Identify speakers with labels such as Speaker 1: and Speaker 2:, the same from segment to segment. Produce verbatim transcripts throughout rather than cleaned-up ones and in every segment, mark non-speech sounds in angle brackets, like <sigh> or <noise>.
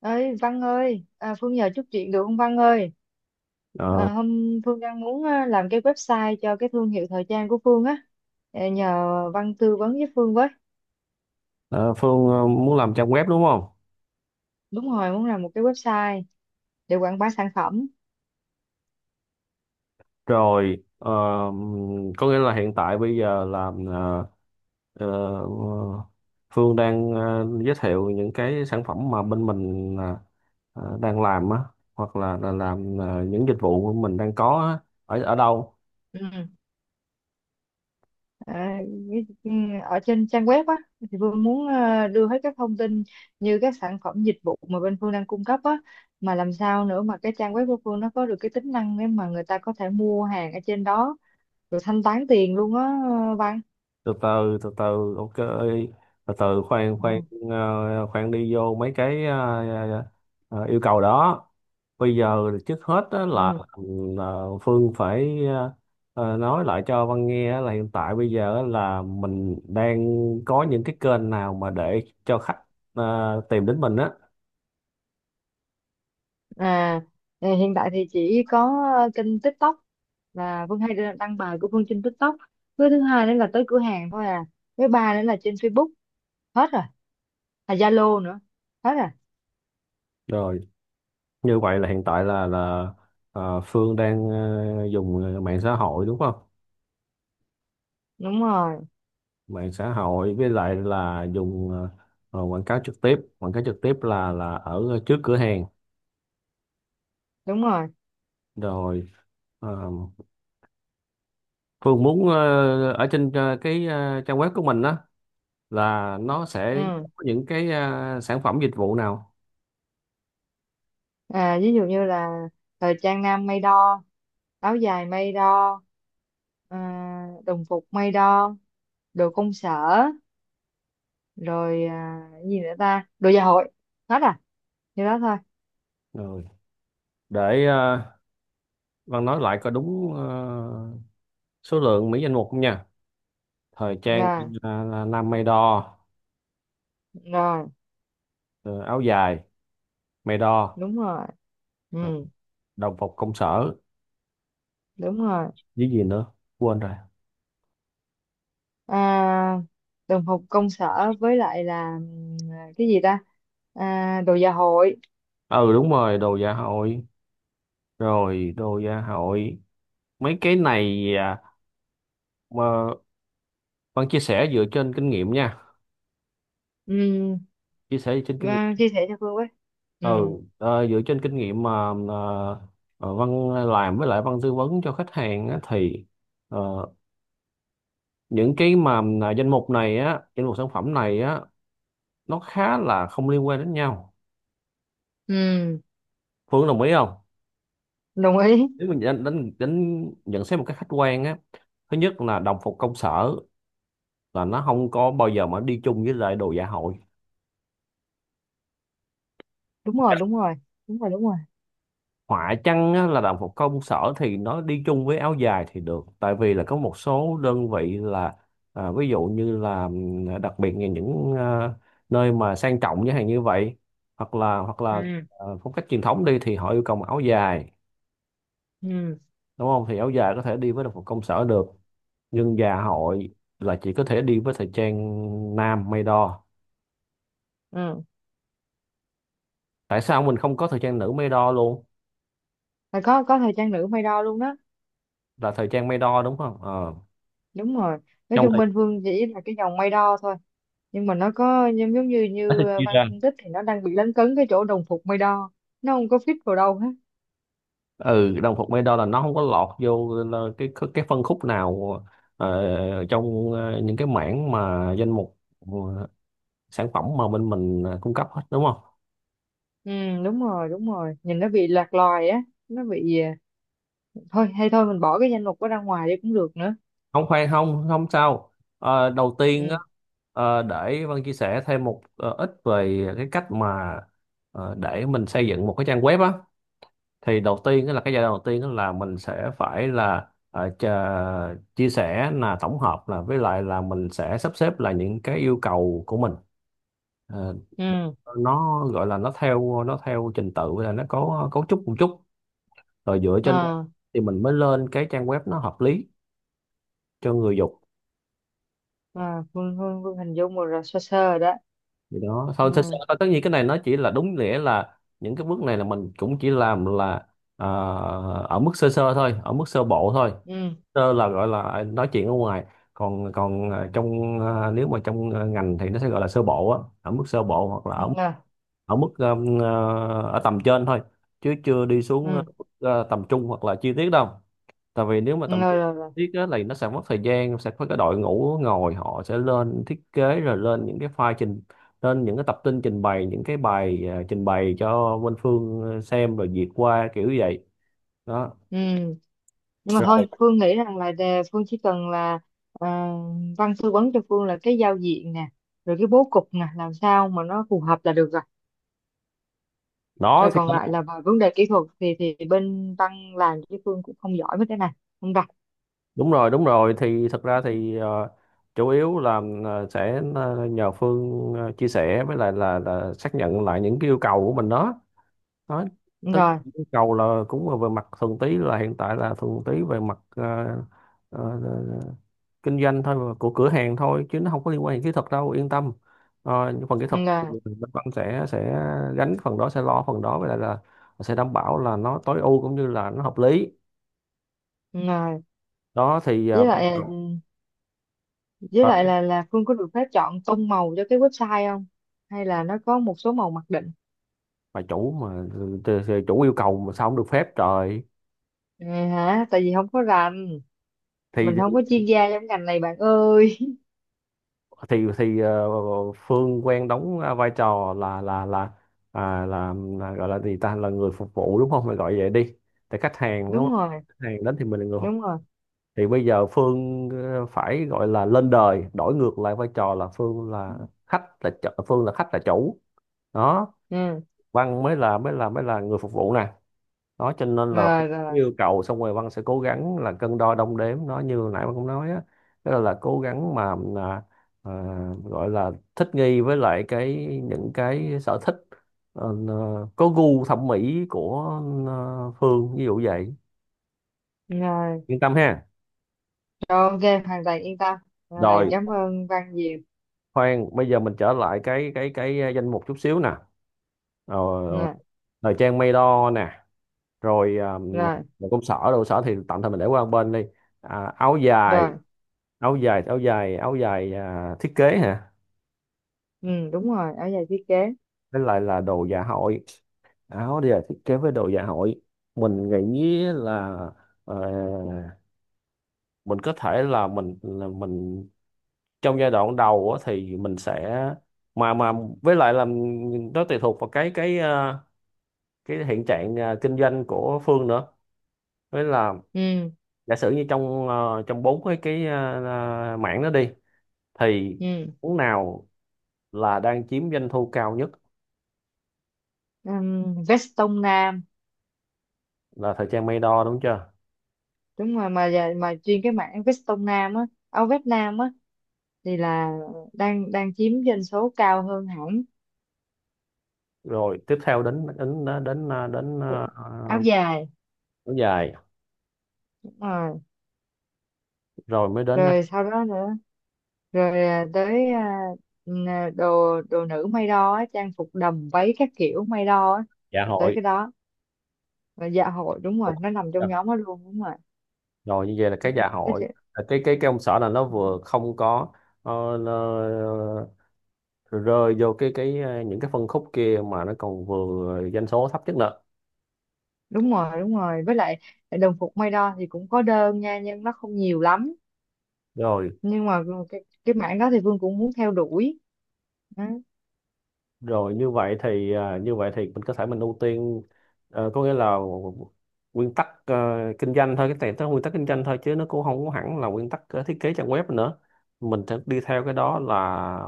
Speaker 1: Ơi Văn ơi, à, Phương nhờ chút chuyện được không Văn ơi? À,
Speaker 2: Ờ,
Speaker 1: hôm Phương đang muốn à, làm cái website cho cái thương hiệu thời trang của Phương á. À, nhờ Văn tư vấn với Phương với.
Speaker 2: ờ, Phương ờ, muốn làm trang web đúng không?
Speaker 1: Đúng rồi, muốn làm một cái website để quảng bá sản phẩm.
Speaker 2: Rồi ờ, có nghĩa là hiện tại bây giờ làm ờ, ờ, Phương đang ờ, giới thiệu những cái sản phẩm mà bên mình ờ, ờ, đang làm á, hoặc là, là làm ờ, những dịch vụ mình đang có á, ở ở đâu?
Speaker 1: Ừ. à, cái- ừ, Ở trên trang web á thì Phương muốn à, đưa hết các thông tin như các sản phẩm dịch vụ mà bên Phương đang cung cấp á, mà làm sao nữa mà cái trang web của Phương nó có được cái tính năng để mà người ta có thể mua hàng ở trên đó rồi thanh toán tiền luôn á Văn.
Speaker 2: từ từ từ từ ok, từ từ khoan khoan
Speaker 1: Ừ.
Speaker 2: ờ, Khoan đi vô mấy cái ờ, ờ, yêu cầu đó. Bây giờ trước hết á, là,
Speaker 1: Ừ.
Speaker 2: là Phương phải ờ, ờ, nói lại cho Văn nghe á, là hiện tại bây giờ á là mình đang có những cái kênh nào mà để cho khách ờ, tìm đến mình á.
Speaker 1: À, ờ, hiện tại thì chỉ có ờ, kênh TikTok là Vân hay đăng bài của Vân trên TikTok. Với thứ hai nữa là tới cửa hàng thôi à. Với ba nữa là trên Facebook, hết rồi. À Zalo nữa. Hết rồi.
Speaker 2: Rồi như vậy là hiện tại là là ờ, Phương đang ờ, dùng mạng xã hội đúng không?
Speaker 1: Đúng rồi,
Speaker 2: Mạng xã hội với lại là dùng ờ, ờ, quảng cáo trực tiếp, quảng cáo trực tiếp là là ở trước cửa hàng.
Speaker 1: đúng rồi.
Speaker 2: Rồi ờ, Phương muốn ờ, ở trên ờ, cái ờ, trang web của mình đó, là nó sẽ
Speaker 1: Ừ.
Speaker 2: có những cái ờ, sản phẩm dịch vụ nào.
Speaker 1: À, ví dụ như là thời trang nam may đo, áo dài may đo, ờ, đồng phục may đo, đồ công sở, rồi à, cái gì nữa ta? Đồ gia hội. Hết à. Như đó thôi.
Speaker 2: Rồi để ờ, Văn nói lại có đúng ờ, số lượng mỹ danh mục không nha. Thời trang
Speaker 1: Rồi,
Speaker 2: là, là nam may đo,
Speaker 1: rồi,
Speaker 2: ờ, áo dài may đo,
Speaker 1: đúng rồi.
Speaker 2: ờ,
Speaker 1: Ừ,
Speaker 2: đồng phục công sở,
Speaker 1: đúng rồi.
Speaker 2: với gì nữa quên rồi.
Speaker 1: À, đồng phục công sở với lại là ừm, cái gì ta, à, đồ dạ hội.
Speaker 2: Ừ đúng rồi, đồ dạ hội, rồi đồ gia hội. Mấy cái này à, mà Văn chia sẻ dựa trên kinh nghiệm nha,
Speaker 1: Ừm.
Speaker 2: chia sẻ dựa trên kinh nghiệm.
Speaker 1: À, chia sẻ cho Phương với.
Speaker 2: Ừ,
Speaker 1: Ừm.
Speaker 2: ờ, dựa trên kinh nghiệm mà ờ, ờ, Văn làm với lại Văn tư vấn cho khách hàng á, thì ờ, những cái mà là danh mục này á, danh mục sản phẩm này á, nó khá là không liên quan đến nhau.
Speaker 1: Ừm.
Speaker 2: Phương đồng ý không?
Speaker 1: Đồng ý.
Speaker 2: Nếu mình đánh, đánh, đánh nhận xét một cách khách quan á, thứ nhất là đồng phục công sở là nó không có bao giờ mà đi chung với lại đồ dạ hội.
Speaker 1: Đúng rồi, đúng rồi. Đúng rồi, đúng rồi.
Speaker 2: Họa chăng á, là đồng phục công sở thì nó đi chung với áo dài thì được, tại vì là có một số đơn vị là à, ví dụ như là ừm, đặc biệt là những à, nơi mà sang trọng như hàng như vậy, hoặc là hoặc là
Speaker 1: Ừm.
Speaker 2: à, phong cách truyền thống đi thì họ yêu cầu mặc áo dài,
Speaker 1: Ừm.
Speaker 2: đúng không? Thì áo dài có thể đi với đồng phục công sở được, nhưng dạ hội là chỉ có thể đi với thời trang nam may đo.
Speaker 1: Ừm.
Speaker 2: Tại sao mình không có thời trang nữ may đo luôn,
Speaker 1: Và có có thời trang nữ may đo luôn đó.
Speaker 2: là thời trang may đo đúng không? Ờ.
Speaker 1: Đúng rồi, nói
Speaker 2: Trong
Speaker 1: chung
Speaker 2: thời
Speaker 1: bên Phương chỉ là cái dòng may đo thôi, nhưng mà nó có giống giống như
Speaker 2: tiết
Speaker 1: như
Speaker 2: chia
Speaker 1: Văn
Speaker 2: ra.
Speaker 1: phân tích thì nó đang bị lấn cấn cái chỗ đồng phục may đo, nó không có fit vào đâu hết.
Speaker 2: Ừ, đồng phục Medo là nó không có lọt vô là cái cái cái phân khúc nào ờ, trong ờ, những cái mảng mà danh mục ờ, sản phẩm mà bên mình ờ, cung cấp hết đúng không?
Speaker 1: Ừ, đúng rồi đúng rồi, nhìn nó bị lạc loài á, nó bị à, thôi hay thôi mình bỏ cái danh mục đó ra ngoài đi cũng được nữa.
Speaker 2: Không khoan không không sao. Ờ, đầu tiên á,
Speaker 1: Ừ.
Speaker 2: ờ, để Vân chia sẻ thêm một ờ, ít về cái cách mà ờ, để mình xây dựng một cái trang web á, thì đầu tiên đó là cái giai đoạn đầu tiên đó là mình sẽ phải là ờ, chờ- chia sẻ là tổng hợp là với lại là mình sẽ sắp xếp là những cái yêu cầu của mình. Ờ,
Speaker 1: Ừ.
Speaker 2: nó gọi là nó theo nó theo trình tự là nó có cấu trúc một chút, rồi dựa trên đó
Speaker 1: À,
Speaker 2: thì mình mới lên cái trang web nó hợp lý cho người dùng.
Speaker 1: à Phương, Phương, Phương hình dung một rồi sơ sơ rồi đó.
Speaker 2: Thì đó thôi, thật sự
Speaker 1: Ừ.
Speaker 2: là tất nhiên cái này nó chỉ là đúng nghĩa là những cái bước này là mình cũng chỉ làm là à, ở mức sơ sơ thôi, ở mức sơ bộ thôi.
Speaker 1: Ừ.
Speaker 2: Sơ là gọi là à, nói chuyện ở ngoài, còn còn à, trong à, nếu mà trong à, ngành thì nó sẽ gọi là sơ bộ á, ở mức sơ bộ, hoặc là
Speaker 1: Ừ,
Speaker 2: ở
Speaker 1: rồi.
Speaker 2: ở mức um, à, ở tầm trên thôi, chứ chưa đi xuống à,
Speaker 1: Ừ.
Speaker 2: mức, à, tầm trung hoặc là chi tiết đâu. Tại vì nếu mà
Speaker 1: Ừ,
Speaker 2: tầm
Speaker 1: rồi
Speaker 2: trung
Speaker 1: rồi rồi.
Speaker 2: tiết á, là nó sẽ mất thời gian, sẽ có cái đội ngũ ngồi họ sẽ lên thiết kế rồi lên những cái file trình, lên những cái tập tin trình bày những cái bài à, trình bày cho bên Phương ờ, xem rồi duyệt qua kiểu vậy đó.
Speaker 1: Ừ. Nhưng mà thôi
Speaker 2: Rồi
Speaker 1: Phương nghĩ rằng là đề- Phương chỉ cần là ờ, Văn tư vấn cho Phương là cái giao diện nè, rồi cái bố cục nè, làm sao mà nó phù hợp là được rồi.
Speaker 2: đó
Speaker 1: Rồi
Speaker 2: thì
Speaker 1: còn lại là về vấn đề kỹ thuật thì thì bên Văn làm chứ Phương cũng không giỏi mấy cái này, không đặt.
Speaker 2: đúng rồi đúng rồi, thì thật ra thì ờ, chủ yếu là ờ, sẽ ờ, nhờ Phương ờ, chia sẻ với lại là, là xác nhận lại những cái yêu cầu của mình đó. Nói
Speaker 1: Đúng
Speaker 2: tới
Speaker 1: rồi.
Speaker 2: yêu cầu là cũng là về mặt thuần túy, là hiện tại là thuần túy về mặt ờ, ờ, ờ, kinh doanh thôi và của cửa hàng thôi, chứ nó không có liên quan đến kỹ thuật đâu, yên tâm. Ờ, những phần kỹ thuật
Speaker 1: Đúng rồi.
Speaker 2: thì bên Văn sẽ sẽ gánh phần đó, sẽ lo phần đó, với lại là sẽ đảm bảo là nó tối ưu cũng như là nó hợp lý.
Speaker 1: Đúng rồi.
Speaker 2: Đó thì
Speaker 1: Với
Speaker 2: uh, bà
Speaker 1: lại ờ, với lại là là Phương có được phép chọn tông màu cho cái website không, hay là nó có một số màu mặc định?
Speaker 2: chủ mà ờ, thì- thì chủ yêu cầu mà sao không được phép trời.
Speaker 1: À, hả, tại vì không có rành,
Speaker 2: thì
Speaker 1: mình không có chuyên gia trong ngành này bạn ơi.
Speaker 2: thì thì ờ, Phương quen đóng ờ, vai trò là là là à, là, là gọi là gì ta, là người phục vụ đúng không, mình gọi vậy đi, để khách
Speaker 1: <laughs>
Speaker 2: hàng đúng
Speaker 1: Đúng
Speaker 2: không,
Speaker 1: rồi.
Speaker 2: khách hàng đến thì mình là người phục
Speaker 1: Đúng
Speaker 2: vụ.
Speaker 1: rồi.
Speaker 2: Thì bây giờ Phương ờ, phải gọi là lên đời, đổi ngược lại vai trò, là Phương là khách là chủ, Phương là khách là chủ đó.
Speaker 1: Ừ.
Speaker 2: Văn mới là mới là mới là người phục vụ nè. Đó cho nên là cũng
Speaker 1: Rồi rồi
Speaker 2: yêu cầu xong rồi Văn sẽ cố gắng là cân đo đong đếm nó như nãy Văn cũng nói á. Tức là, là cố gắng mà à, à, gọi là thích nghi với lại cái những cái sở thích, ờ, ờ, có gu thẩm mỹ của ờ, Phương, ví dụ vậy.
Speaker 1: rồi. Rồi.
Speaker 2: Yên tâm ha.
Speaker 1: Ok, hoàn toàn yên tâm. Rồi
Speaker 2: Rồi
Speaker 1: cảm ơn Văn nhiều.
Speaker 2: khoan, bây giờ mình trở lại cái cái cái ờ, danh mục chút xíu nè. ờ, ờ,
Speaker 1: Rồi.
Speaker 2: Thời trang may đo nè, rồi ờ,
Speaker 1: Rồi.
Speaker 2: công sở đồ sở thì tạm thời mình để qua một bên đi. À, áo dài,
Speaker 1: Rồi.
Speaker 2: áo dài áo dài áo dài à, thiết kế hả,
Speaker 1: Ừ, đúng rồi ở giày thiết kế.
Speaker 2: với lại là đồ dạ hội. Áo dài thiết kế với đồ dạ hội mình nghĩ là ờ, mình có thể là mình là mình trong giai đoạn đầu á, thì mình sẽ mà mà với lại là nó tùy thuộc vào cái cái ờ, cái hiện trạng ờ, kinh doanh của Phương nữa, với là
Speaker 1: Ừ.
Speaker 2: giả sử như trong ờ, trong bốn cái cái ờ, ờ, mảng đó đi, thì
Speaker 1: Ừ.
Speaker 2: món nào là đang chiếm doanh thu cao nhất?
Speaker 1: Ừm, vest tông nam.
Speaker 2: Là thời trang may đo đúng chưa.
Speaker 1: Đúng rồi, mà giày- mà chuyên cái mảng vest tông nam á, áo vest nam á, thì là đang đang chiếm doanh số cao hơn hẳn.
Speaker 2: Rồi tiếp theo đến đến đến đến đến, ờ,
Speaker 1: Áo dài.
Speaker 2: kéo dài,
Speaker 1: Đúng rồi.
Speaker 2: rồi mới đến ờ,
Speaker 1: Rồi sau đó nữa. Rồi à, tới à, n- à, đồ đồ nữ may đo á, trang phục đầm váy các kiểu may đo á.
Speaker 2: dạ
Speaker 1: Rồi tới
Speaker 2: hội.
Speaker 1: cái đó, và dạ hội đúng
Speaker 2: Ủa,
Speaker 1: rồi, nó nằm trong nhóm đó luôn, đúng rồi.
Speaker 2: rồi như vậy là cái dạ
Speaker 1: Nói
Speaker 2: hội
Speaker 1: chứ-
Speaker 2: là cái cái cái ông xã là nó vừa không có ờ, nó rơi vô cái cái ờ, những cái phân khúc kia, mà nó còn vừa doanh số thấp nhất nữa.
Speaker 1: đúng rồi đúng rồi, với lại đồng phục may đo thì cũng có đơn nha, nhưng nó không nhiều lắm.
Speaker 2: rồi
Speaker 1: Nhưng mà cái cái mảng đó thì Vương cũng muốn theo đuổi đó.
Speaker 2: rồi như vậy thì à, như vậy thì mình có thể mình ưu tiên ờ, có nghĩa là nguyên tắc ờ, kinh doanh thôi, cái này tới nguyên tắc kinh doanh thôi, chứ nó cũng không có hẳn là nguyên tắc ờ, thiết kế trang web nữa. Mình sẽ đi theo cái đó là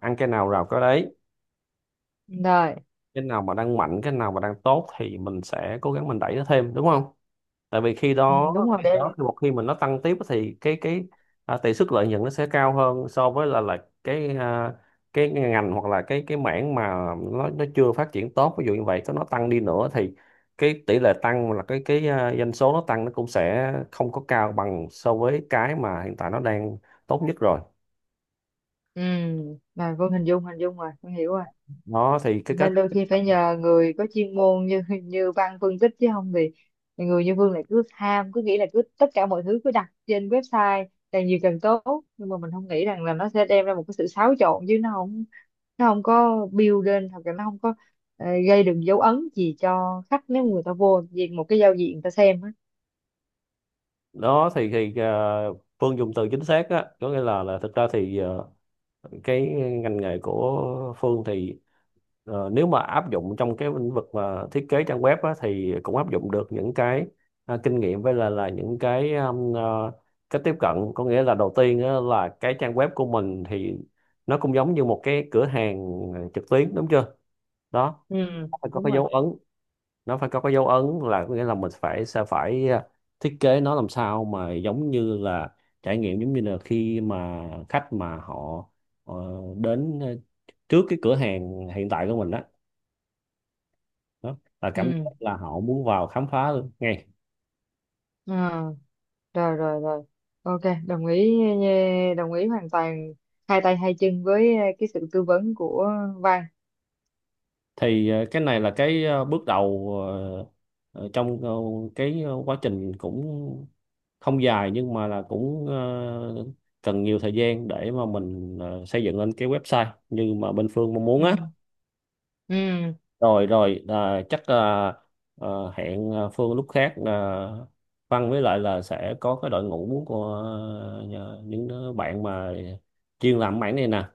Speaker 2: ăn cái nào rào cái đấy.
Speaker 1: Rồi.
Speaker 2: Cái nào mà đang mạnh, cái nào mà đang tốt thì mình sẽ cố gắng mình đẩy nó thêm đúng không. Tại vì khi
Speaker 1: Ừ,
Speaker 2: đó,
Speaker 1: đúng rồi
Speaker 2: khi
Speaker 1: để.
Speaker 2: đó thì một khi mà nó tăng tiếp thì cái cái à, tỷ suất lợi nhuận nó sẽ cao hơn so với là là cái à, cái ngành hoặc là cái cái mảng mà nó nó chưa phát triển tốt, ví dụ như vậy, có nó tăng đi nữa thì cái tỷ lệ tăng là cái cái à, doanh số nó tăng nó cũng sẽ không có cao bằng so với cái mà hiện tại nó đang tốt nhất rồi.
Speaker 1: Ừ, rồi Vân hình dung hình dung rồi, Vân hiểu rồi.
Speaker 2: Đó thì cái cách,
Speaker 1: Nên đôi khi phải nhờ người có chuyên môn như <laughs> như Văn phân tích chứ không thì người như Vân lại cứ ham, cứ nghĩ là cứ tất cả mọi thứ cứ đặt trên website càng nhiều càng tốt, nhưng mà mình không nghĩ rằng là nó sẽ đem ra một cái sự xáo trộn chứ nó không, nó không có build lên hoặc là nó không có ờ, gây được dấu ấn gì cho khách nếu người ta vô vì một cái giao diện người ta xem á.
Speaker 2: đó thì thì à, Phương dùng từ chính xác á, có nghĩa là là thực ra thì à, cái ngành nghề của Phương thì ờ, nếu mà áp dụng trong cái lĩnh vực mà thiết kế trang web á, thì cũng áp dụng được những cái à, kinh nghiệm với là là những cái um, ờ, cách tiếp cận. Có nghĩa là đầu tiên á, là cái trang web của mình thì nó cũng giống như một cái cửa hàng trực tuyến đúng chưa. Đó,
Speaker 1: Ừ,
Speaker 2: nó phải có
Speaker 1: đúng
Speaker 2: cái
Speaker 1: rồi.
Speaker 2: dấu ấn, nó phải có cái dấu ấn, là có nghĩa là mình phải sẽ phải ờ, thiết kế nó làm sao mà giống như là trải nghiệm giống như là khi mà khách mà họ ờ, đến ờ, trước cái cửa hàng hiện tại của mình đó, đó là cảm
Speaker 1: Ừ.
Speaker 2: giác là họ muốn vào khám phá luôn ngay.
Speaker 1: Ờ. Rồi rồi rồi. Ok, đồng ý eh, đồng ý hoàn toàn hai tay hai chân với eh, cái sự tư vấn của Văn.
Speaker 2: Thì ờ, cái này là cái ờ, bước đầu ờ, ờ, trong ờ, cái ờ, quá trình, cũng không dài nhưng mà là cũng ờ, cần nhiều thời gian để mà mình ờ, xây dựng lên cái website như mà bên Phương mong muốn
Speaker 1: Ừ.
Speaker 2: á.
Speaker 1: Ừ.
Speaker 2: Rồi rồi à, chắc à, à, hẹn à, Phương lúc khác, à, Văn với lại là sẽ có cái đội ngũ của à, nhờ- những đứa bạn mà chuyên làm mảng này nè.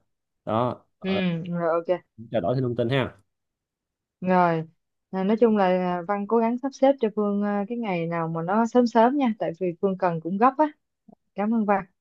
Speaker 2: Đó
Speaker 1: Ừ.
Speaker 2: ờ,
Speaker 1: Rồi ok.
Speaker 2: trao đổi thêm thông tin ha.
Speaker 1: Rồi à, nói chung là ờ, Văn cố gắng sắp xếp cho Phương eh, cái ngày nào mà nó sớm sớm nha tại vì Phương cần cũng gấp á. Cảm ơn Văn.